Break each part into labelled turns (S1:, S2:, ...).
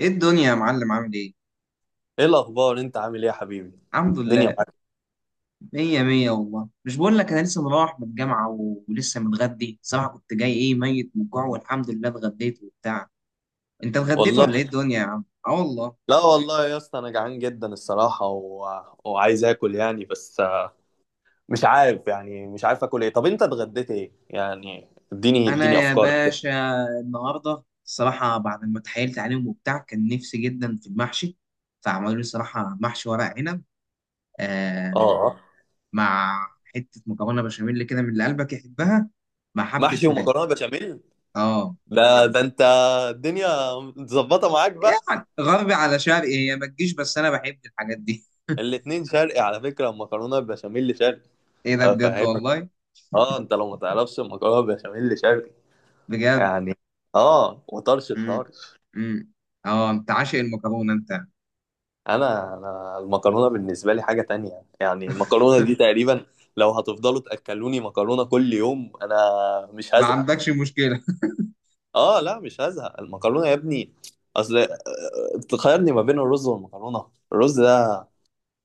S1: ايه الدنيا يا معلم عامل ايه؟
S2: ايه الاخبار؟ انت عامل ايه يا حبيبي؟
S1: الحمد
S2: الدنيا
S1: لله.
S2: معاك؟
S1: مية مية والله، مش بقول لك انا لسه مروح من الجامعة ولسه متغدي. الصراحة كنت جاي ايه ميت من الجوع، والحمد لله اتغديت وبتاع. انت اتغديت ولا ايه
S2: والله.
S1: الدنيا يا عم؟ اه والله.
S2: لا والله يا اسطى، انا جعان جدا الصراحه. وعايز اكل يعني بس. مش عارف يعني مش عارف اكل ايه. طب انت اتغديت ايه يعني؟ اديني
S1: انا
S2: اديني
S1: يا
S2: افكار كده.
S1: باشا النهاردة الصراحة بعد ما اتحايلت عليهم وبتاع كان نفسي جدا في المحشي، فعملوا لي الصراحة محشي ورق عنب. آه.
S2: اه،
S1: مع حتة مكرونة بشاميل كده من اللي قلبك يحبها، مع حبة
S2: محشي
S1: فراخ.
S2: ومكرونه بشاميل.
S1: اه.
S2: ده انت الدنيا متظبطه معاك بقى؟
S1: يعني غربي على شرقي هي ما تجيش، بس انا بحب الحاجات دي.
S2: الاتنين شرقي على فكره، المكرونه البشاميل شرقي.
S1: ايه ده بجد
S2: افهمك.
S1: والله.
S2: اه، انت لو ما تعرفش المكرونه بشاميل شرقي
S1: بجد.
S2: يعني. اه وطرش
S1: امم
S2: الطار.
S1: امم اه، انت عاشق المكرونه انت.
S2: انا المكرونه بالنسبه لي حاجه تانية، يعني المكرونه دي تقريبا لو هتفضلوا تاكلوني مكرونه كل يوم انا مش
S1: ما
S2: هزهق.
S1: عندكش مشكله.
S2: اه لا، مش هزهق المكرونه يا ابني. اصل، تخيرني ما بين الرز والمكرونه. الرز ده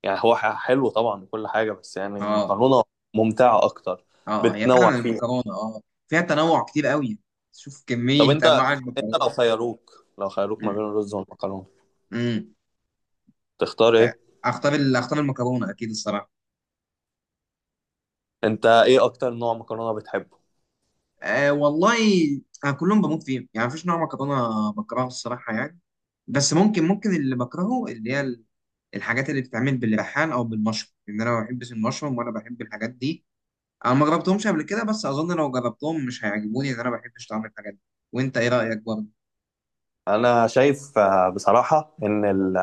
S2: يعني هو حلو طبعا وكل حاجه، بس يعني
S1: اه.
S2: المكرونه ممتعه اكتر،
S1: اه هي
S2: بتنوع
S1: فعلا
S2: فيها.
S1: المكرونه اه. فيها تنوع كتير قوي. شوف
S2: طب
S1: كميه
S2: انت
S1: انواع
S2: انت لو
S1: المكرونه.
S2: خيروك لو خيروك ما بين
S1: امم
S2: الرز والمكرونه
S1: أمم.
S2: تختار ايه؟
S1: اختار المكرونه اكيد الصراحه.
S2: انت ايه اكتر نوع مكرونه بتحبه؟
S1: أه والله. انا كلهم بموت فيهم يعني، مفيش نوع مكرونه بكرهه الصراحه يعني. بس ممكن اللي بكرهه اللي هي الحاجات اللي بتتعمل بالريحان او بالمشروم، لان انا ما بحبش المشروم ولا بحب الحاجات دي. انا ما جربتهمش قبل كده، بس اظن لو جربتهم مش هيعجبوني لان انا ما بحبش طعم الحاجات دي. وانت ايه رايك برضه؟
S2: انا شايف آه، بصراحه ان ال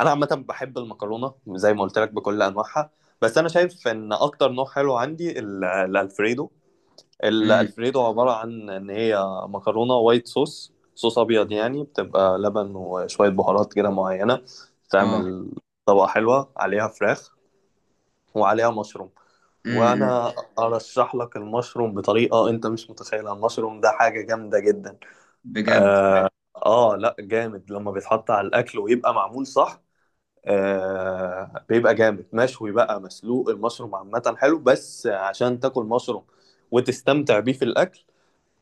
S2: انا عامه بحب المكرونه زي ما قلت لك بكل انواعها، بس انا شايف ان اكتر نوع حلو عندي الالفريدو.
S1: امم
S2: الالفريدو عباره عن ان هي مكرونه وايت صوص، صوص ابيض يعني، بتبقى لبن وشويه بهارات كده معينه،
S1: اه.
S2: تعمل طبقه حلوه عليها فراخ وعليها مشروم.
S1: امم
S2: وانا ارشح لك المشروم بطريقه انت مش متخيلها، المشروم ده حاجه جامده جدا.
S1: بجد.
S2: اه لا، جامد لما بيتحط على الاكل ويبقى معمول صح. آه بيبقى جامد، مشوي بقى، مسلوق، المشروم عامة حلو بس عشان تاكل مشروم وتستمتع بيه في الأكل.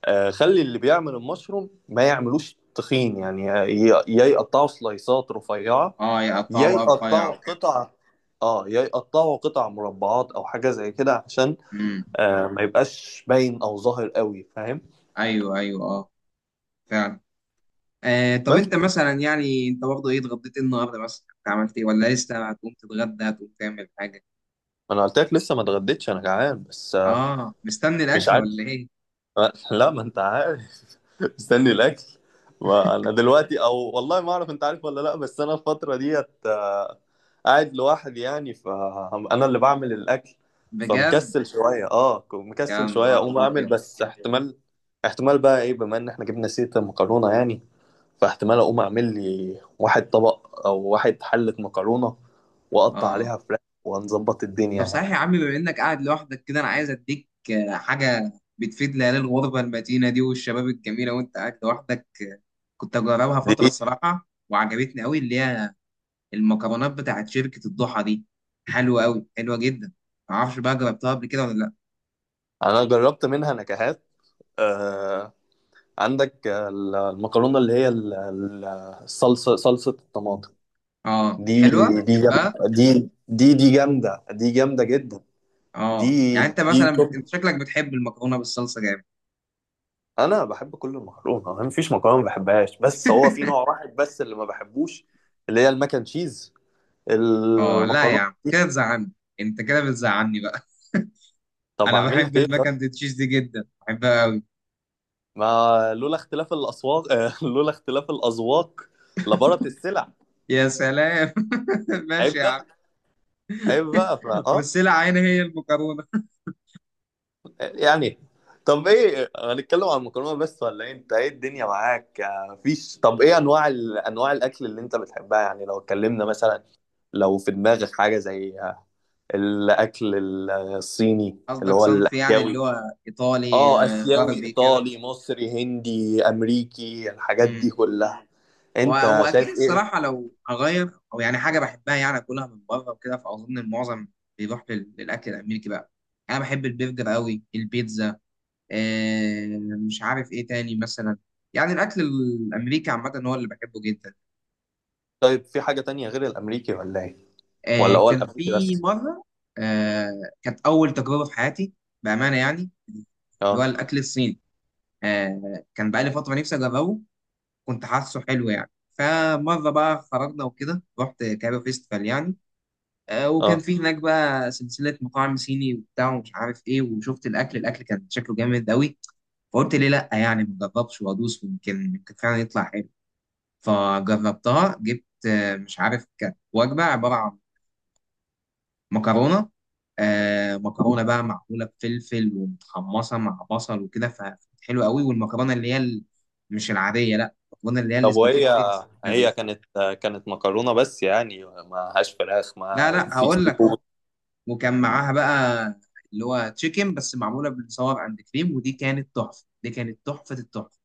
S2: آه خلي اللي بيعمل المشروم ما يعملوش تخين يعني، يا يقطعوا سلايسات رفيعة،
S1: اه،
S2: يا
S1: يقطعوا بقى رفيع
S2: يقطعوا
S1: وكده.
S2: قطع، اه يا يقطعوا قطع مربعات او حاجة زي كده، عشان
S1: امم.
S2: ما يبقاش باين او ظاهر قوي، فاهم؟
S1: ايوه ايوه اه، فعلا. طب
S2: بس
S1: انت مثلا يعني انت برضه ايه اتغديت إيه النهارده؟ مثلا انت عملت ايه، ولا لسه هتقوم تتغدى هتقوم تعمل حاجه؟
S2: انا قلت لك لسه ما اتغديتش، انا جعان بس.
S1: اه مستني
S2: مش
S1: الاكل
S2: عارف.
S1: ولا ايه؟
S2: لا، ما انت عارف. مستني الاكل. ما انا دلوقتي او والله ما اعرف انت عارف ولا لا، بس انا الفتره ديت، قاعد لوحدي يعني، فانا اللي بعمل الاكل.
S1: بجد.
S2: فمكسل شويه اه ك-
S1: يا
S2: مكسل شويه
S1: نهار
S2: اقوم اعمل
S1: ابيض.
S2: بس احتمال. احتمال بقى ايه؟ بما ان احنا جبنا سيره المكرونه يعني، فاحتمال اقوم اعمل لي واحد طبق او واحد حله مكرونه واقطع
S1: اه
S2: عليها فراخ ونظبط
S1: طب
S2: الدنيا
S1: صحيح يا
S2: يعني.
S1: عم، بما انك قاعد لوحدك كده انا عايز اديك حاجه بتفيد ليالي الغربه المتينه دي والشباب الجميله وانت قاعد لوحدك. كنت اجربها
S2: دي،
S1: فتره الصراحه وعجبتني قوي، اللي هي المكرونات بتاعت شركه الضحى دي. حلوه قوي، حلوه جدا. معرفش بقى جربتها قبل كده ولا لا.
S2: انا جربت منها نكهات. آه، عندك المكرونه اللي هي ال- ال- الصلصه صلصه الطماطم.
S1: اه
S2: دي
S1: حلوه،
S2: دي جامده.
S1: بتحبها؟
S2: دي دي جامده. دي جامده جدا.
S1: اه
S2: دي
S1: يعني انت
S2: دي
S1: مثلا
S2: توب.
S1: انت شكلك بتحب المكرونه بالصلصه جامد.
S2: انا بحب كل المكرونه، ما فيش مكرونه ما بحبهاش، بس هو في نوع واحد بس اللي ما بحبوش، اللي هي المكن تشيز،
S1: اه لا يا
S2: المكرونه
S1: عم
S2: دي.
S1: كده بتزعلني. انت كده بتزعلني بقى.
S2: طب
S1: انا
S2: اعمل
S1: بحب
S2: لك ايه
S1: الماك
S2: طب؟
S1: اند تشيز دي جدا، بحبها قوي.
S2: ما لولا اختلاف الاصوات ، لولا اختلاف الاذواق لبارت السلع.
S1: يا سلام. ماشي
S2: عيب
S1: يا عم.
S2: بقى، عيب بقى، فاه،
S1: والسلعه هنا هي المكرونه.
S2: يعني. طب ايه؟ هنتكلم عن المكرونه بس ولا ايه؟ انت ايه الدنيا معاك؟ فيش. طب ايه انواع انواع الاكل اللي انت بتحبها يعني، لو اتكلمنا مثلا، لو في دماغك حاجه زي، الاكل الصيني اللي
S1: قصدك
S2: هو
S1: صنف يعني اللي
S2: الاسيوي.
S1: هو ايطالي.
S2: اه، اسيوي،
S1: غربي كده.
S2: ايطالي، مصري، هندي، امريكي، الحاجات دي
S1: امم.
S2: كلها.
S1: و-
S2: انت
S1: واكيد
S2: شايف ايه؟
S1: الصراحه لو هغير او يعني حاجه بحبها يعني اكلها من بره وكده، فاظن المعظم بيروح للاكل الامريكي بقى. انا بحب البرجر قوي، البيتزا، آه، مش عارف ايه تاني مثلا. يعني الاكل الامريكي عامه هو اللي بحبه جدا.
S2: طيب، في حاجه تانية غير الامريكي ولا ايه؟ ولا هو
S1: كان
S2: الامريكي
S1: في
S2: بس؟
S1: مره. آه، كانت اول تجربه في حياتي بامانه يعني، اللي هو
S2: اه،
S1: الاكل الصيني. كان بقالي فتره نفسي اجربه. كنت حاسه حلو يعني، فمره بقى خرجنا وكده، رحت كايرو فيستيفال يعني. وكان
S2: اه.
S1: في هناك بقى سلسله مطاعم صيني وبتاع ومش عارف ايه، وشفت الاكل كان شكله جامد قوي. فقلت ليه لا يعني ما اجربش وادوس، ويمكن فعلا يطلع حلو. فجربتها، جبت مش عارف، كانت وجبة عبارة عن مكرونة. مكرونة بقى معمولة بفلفل ومتحمصة مع بصل وكده، فكانت حلوة قوي، والمكرونة اللي هي مش العادية، لا المكرونة اللي هي
S2: طب وهي
S1: الاسباجيتي السمينة دي.
S2: هي كانت كانت مكرونة بس يعني، ما هاش فراخ،
S1: لا
S2: ما
S1: لا،
S2: في سي
S1: هقول لك
S2: فود؟
S1: اهو. وكان معاها بقى اللي هو تشيكن بس معمولة بالصور عند كريم، ودي كانت تحفة، دي كانت تحفة التحفة.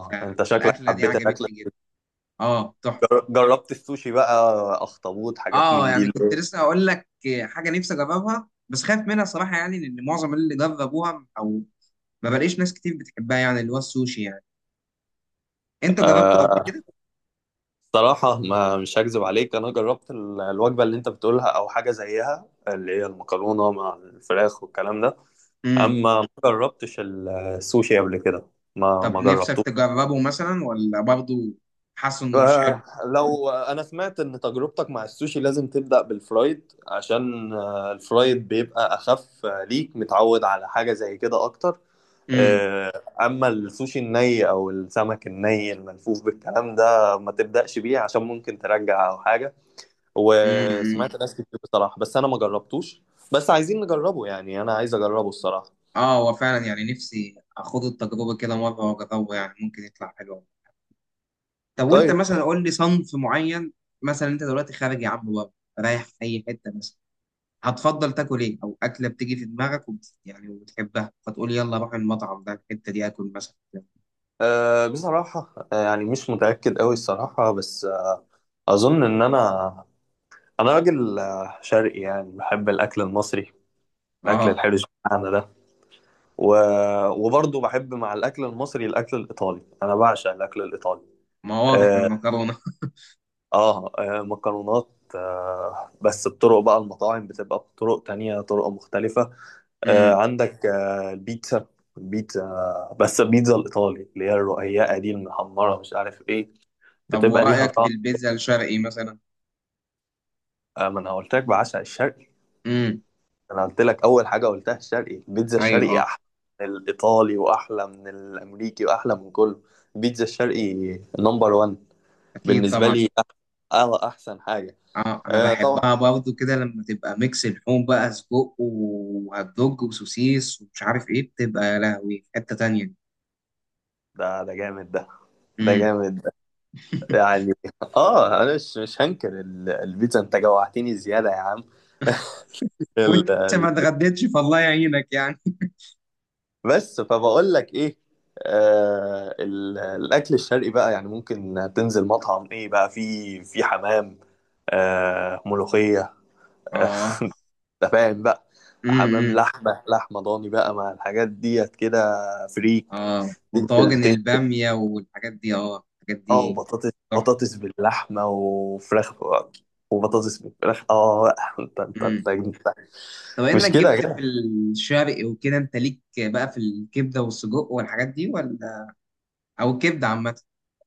S1: ف-
S2: انت شكلك
S1: فالأكلة دي
S2: حبيت الاكل.
S1: عجبتني جدا. اه تحفة.
S2: جربت السوشي بقى؟ اخطبوط، حاجات
S1: اه
S2: من دي؟
S1: يعني كنت لسه هقول لك، حاجه نفسي اجربها بس خايف منها صراحه يعني، لان معظم اللي جربوها او ما بلاقيش ناس كتير بتحبها يعني، اللي هو السوشي يعني. انت جربته قبل
S2: آه
S1: كده؟
S2: صراحة، ما مش هكذب عليك، انا جربت الوجبة اللي انت بتقولها، او حاجة زيها اللي هي المكرونة مع الفراخ والكلام ده.
S1: امم.
S2: اما ما جربتش السوشي قبل كده. ما
S1: طب
S2: ما جربت.
S1: نفسك تجربه مثلا ولا برضه حاسس انه مش حلو؟
S2: لو انا سمعت ان تجربتك مع السوشي لازم تبدأ بالفرايد، عشان، الفرايد بيبقى اخف، ليك متعود على حاجة زي كده اكتر.
S1: امم
S2: آه، اما السوشي الني او السمك الني الملفوف بالكلام ده ما تبدأش بيه، عشان ممكن ترجع او حاجة.
S1: أمم.
S2: وسمعت ناس كتير بصراحة، بس انا ما جربتوش. بس عايزين نجربه يعني، انا عايز اجربه الصراحة.
S1: اه هو فعلا يعني نفسي اخد التجربه كده مره واجربه، يعني ممكن يطلع حلو. طب وانت
S2: طيب،
S1: مثلا قول لي صنف معين. مثلا انت دلوقتي خارج يا عم بره، رايح في اي حته مثلا، هتفضل تاكل ايه، او اكله بتيجي في دماغك يعني وبتحبها فتقول يلا اروح المطعم ده الحته دي اكل مثلا.
S2: بصراحة، يعني مش متأكد قوي الصراحة بس، أظن إن انا راجل، شرقي يعني، بحب الاكل المصري، الاكل
S1: اه
S2: الحرش بتاعنا ده و... وبرضه بحب مع الاكل المصري الاكل الايطالي، انا بعشق الاكل الايطالي.
S1: ما واضح من
S2: اه,
S1: المكرونه.
S2: مكرونات. بس بطرق بقى، المطاعم بتبقى بطرق تانية، طرق مختلفة.
S1: امم.
S2: عندك البيتزا. البيتزا، بس البيتزا الإيطالي اللي هي الرقيقة دي المحمرة مش عارف إيه،
S1: طب
S2: بتبقى ليها
S1: ورايك في
S2: طعم.
S1: البيتزا الشرقي مثلا؟
S2: ما أنا قلت لك بعشق الشرقي.
S1: امم.
S2: انا قلت لك اول حاجه قلتها الشرقي، البيتزا
S1: ايوه
S2: الشرقي احلى من الايطالي واحلى من الامريكي واحلى من كله، البيتزا الشرقي نمبر 1
S1: اكيد
S2: بالنسبه
S1: طبعا.
S2: لي. احسن حاجه.
S1: اه انا
S2: طبعا.
S1: بحبها برضو كده لما تبقى ميكس لحوم بقى، سجق وهوت دوج وسوسيس ومش عارف ايه، بتبقى يا لهوي في حته تانيه.
S2: ده جامد ده. ده
S1: امم.
S2: جامد ده، يعني. اه، انا مش هنكر البيتزا، انت جوعتني زياده يا عم. ال-
S1: وانت لسه ما
S2: ال-
S1: اتغديتش، فالله يعينك يعني.
S2: بس فبقول لك ايه. الاكل الشرقي بقى، يعني ممكن تنزل مطعم ايه بقى، في حمام، ملوخيه،
S1: اه.
S2: انت فاهم بقى؟ حمام،
S1: امم.
S2: لحمه ضاني بقى، مع الحاجات ديت كده، فريك.
S1: اه
S2: تنزل
S1: وطواجن
S2: تنزل
S1: البامية والحاجات دي، اه الحاجات
S2: اه،
S1: دي
S2: وبطاطس
S1: تحفة.
S2: بطاطس باللحمه وفراخ، وبطاطس بالفراخ، اه بقى. انت انت
S1: مم.
S2: انت انت
S1: طب
S2: مش
S1: انك
S2: كده يا
S1: جبت
S2: جدع؟
S1: في الشرق وكده، انت ليك بقى في الكبدة والسجق والحاجات دي، ولا او الكبدة عامة؟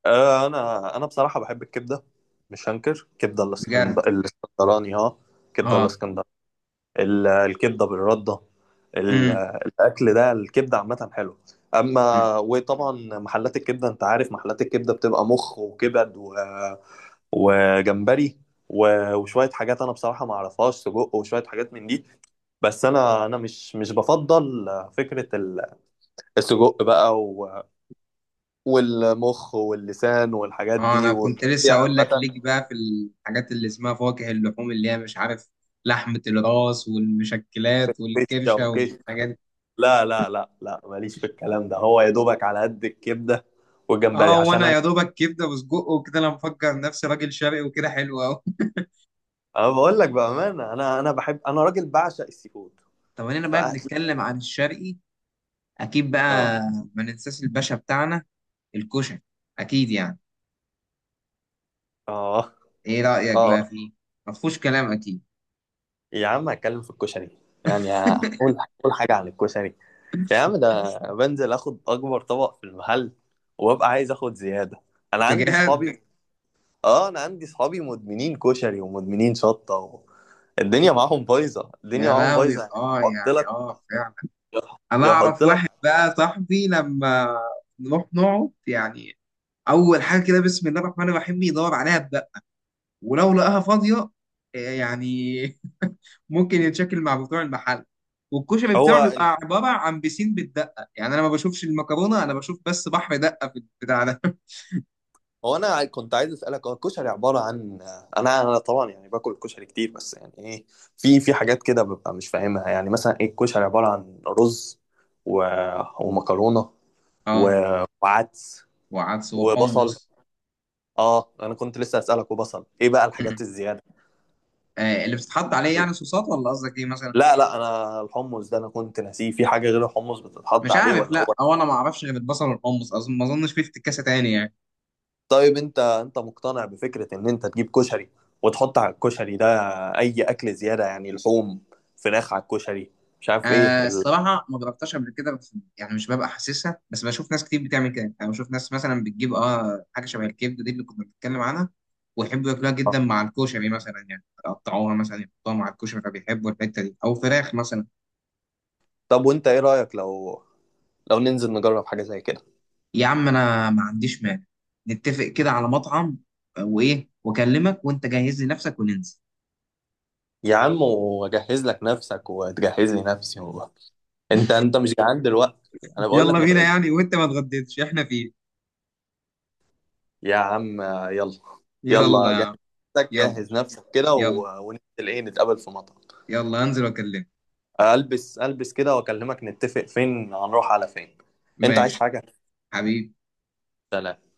S2: انا بصراحه بحب الكبده، مش هنكر كبده
S1: بجد.
S2: الاسكندراني، الاسكندراني اه. كبده
S1: اه.
S2: الاسكندراني، الكبده بالرده، ال-
S1: امم
S2: الاكل ده، الكبده عامه حلو،
S1: أمم.
S2: اما وطبعا محلات الكبده انت عارف، محلات الكبده بتبقى مخ وكبد، وجمبري، وشويه حاجات انا بصراحه ما اعرفهاش، سجق وشويه حاجات من دي، بس انا مش بفضل فكره السجق بقى، والمخ واللسان والحاجات
S1: اه
S2: دي
S1: انا كنت لسه
S2: والتقطيع
S1: اقول لك،
S2: عامه،
S1: ليك بقى في الحاجات اللي اسمها فواكه اللحوم، اللي هي مش عارف، لحمة الراس والمشكلات
S2: فشه
S1: والكرشة
S2: وكش.
S1: والحاجات دي.
S2: لا، لا، لا، لا، ماليش في الكلام ده، هو يا دوبك على قد الكبده والجمبري،
S1: اه
S2: عشان
S1: وانا يا دوبك كبدة وسجق وكده، انا مفكر نفسي راجل شرقي وكده حلو قوي.
S2: انا بقول لك بامانه، انا راجل بعشق السي فود،
S1: طب انا بقى
S2: فأكل.
S1: بنتكلم عن الشرقي، اكيد
S2: اه،
S1: بقى ما ننساش الباشا بتاعنا، الكشك، اكيد يعني.
S2: اه،
S1: ايه رايك
S2: اه.
S1: بقى فيه؟ ما فيهوش كلام اكيد.
S2: يا عم، هتكلم في الكشري يعني. هقول حاجه عن الكشري. يا عم، ده بنزل اخد اكبر طبق في المحل وابقى عايز اخد زياده. انا عندي
S1: بجد.
S2: صحابي اه انا عندي صحابي مدمنين كشري ومدمنين شطه. الدنيا معاهم بايظه، الدنيا
S1: يا
S2: معاهم
S1: لهوي
S2: بايظه، يعني
S1: اه
S2: يحط
S1: يعني
S2: لك
S1: اه فعلا. انا
S2: يحط
S1: اعرف
S2: لك
S1: واحد بقى صاحبي لما نروح نقعد يعني، اول حاجه كده بسم الله الرحمن الرحيم يدور عليها بقى، ولو لقاها فاضيه إيه يعني. ممكن يتشكل مع بتوع المحل، والكشري بتاعه
S2: هو
S1: بيبقى عباره عن بسين بالدقه، يعني انا ما بشوفش المكرونه، انا بشوف بس بحر دقه في البتاع ده.
S2: هو انا كنت عايز اسالك، هو الكشري عباره عن، انا طبعا يعني باكل الكشري كتير، بس يعني ايه، في حاجات كده ببقى مش فاهمها، يعني مثلا ايه الكشري، عباره عن رز و... ومكرونه و...
S1: اه
S2: وعدس
S1: وعدس
S2: وبصل.
S1: وحمص.
S2: اه، انا كنت لسه اسالك، وبصل ايه بقى
S1: مم.
S2: الحاجات الزياده؟
S1: اللي بتتحط عليه يعني صوصات، ولا قصدك ايه مثلا؟
S2: لا، لا، انا الحمص ده انا كنت ناسيه، في حاجه غير الحمص بتتحط
S1: مش
S2: عليه
S1: عارف
S2: ولا هو؟
S1: لا، او انا ما اعرفش غير البصل والحمص، اظن ما اظنش في افتكاسه تاني يعني.
S2: طيب، انت مقتنع بفكرة ان انت تجيب كشري وتحط على الكشري ده اي اكل زيادة، يعني لحوم، فراخ على الكشري، مش عارف ايه ال...
S1: الصراحه ما جربتهاش قبل كده، بس يعني مش ببقى حاسسها، بس بشوف ناس كتير بتعمل كده يعني، بشوف ناس مثلا بتجيب اه حاجه شبه الكبده دي اللي كنا بنتكلم عنها، ويحبوا ياكلوها جدا مع الكشري مثلا، يعني يقطعوها مثلا يحطوها مع الكشري، فبيحبوا الحته دي او فراخ مثلا.
S2: طب وانت ايه رأيك، لو ننزل نجرب حاجة زي كده؟
S1: يا عم انا ما عنديش مانع، نتفق كده على مطعم، وايه واكلمك وانت جهز لي نفسك وننزل.
S2: يا عم، واجهز لك نفسك وتجهز لي نفسي. انت مش جعان دلوقتي؟ انا بقول لك
S1: يلا
S2: ما
S1: بينا
S2: تغدى.
S1: يعني، وانت ما اتغديتش احنا فين؟
S2: يا عم، يلا،
S1: يلا.
S2: يلا
S1: يا
S2: جهز
S1: عم،
S2: نفسك،
S1: يلا.
S2: جهز نفسك كده،
S1: يلا.
S2: وننزل ايه، نتقابل في مطعم؟
S1: يلا هنزل واكلمك.
S2: البس البس كده واكلمك، نتفق فين، هنروح على فين؟ انت عايز
S1: ماشي.
S2: حاجة؟
S1: حبيبي.
S2: سلام.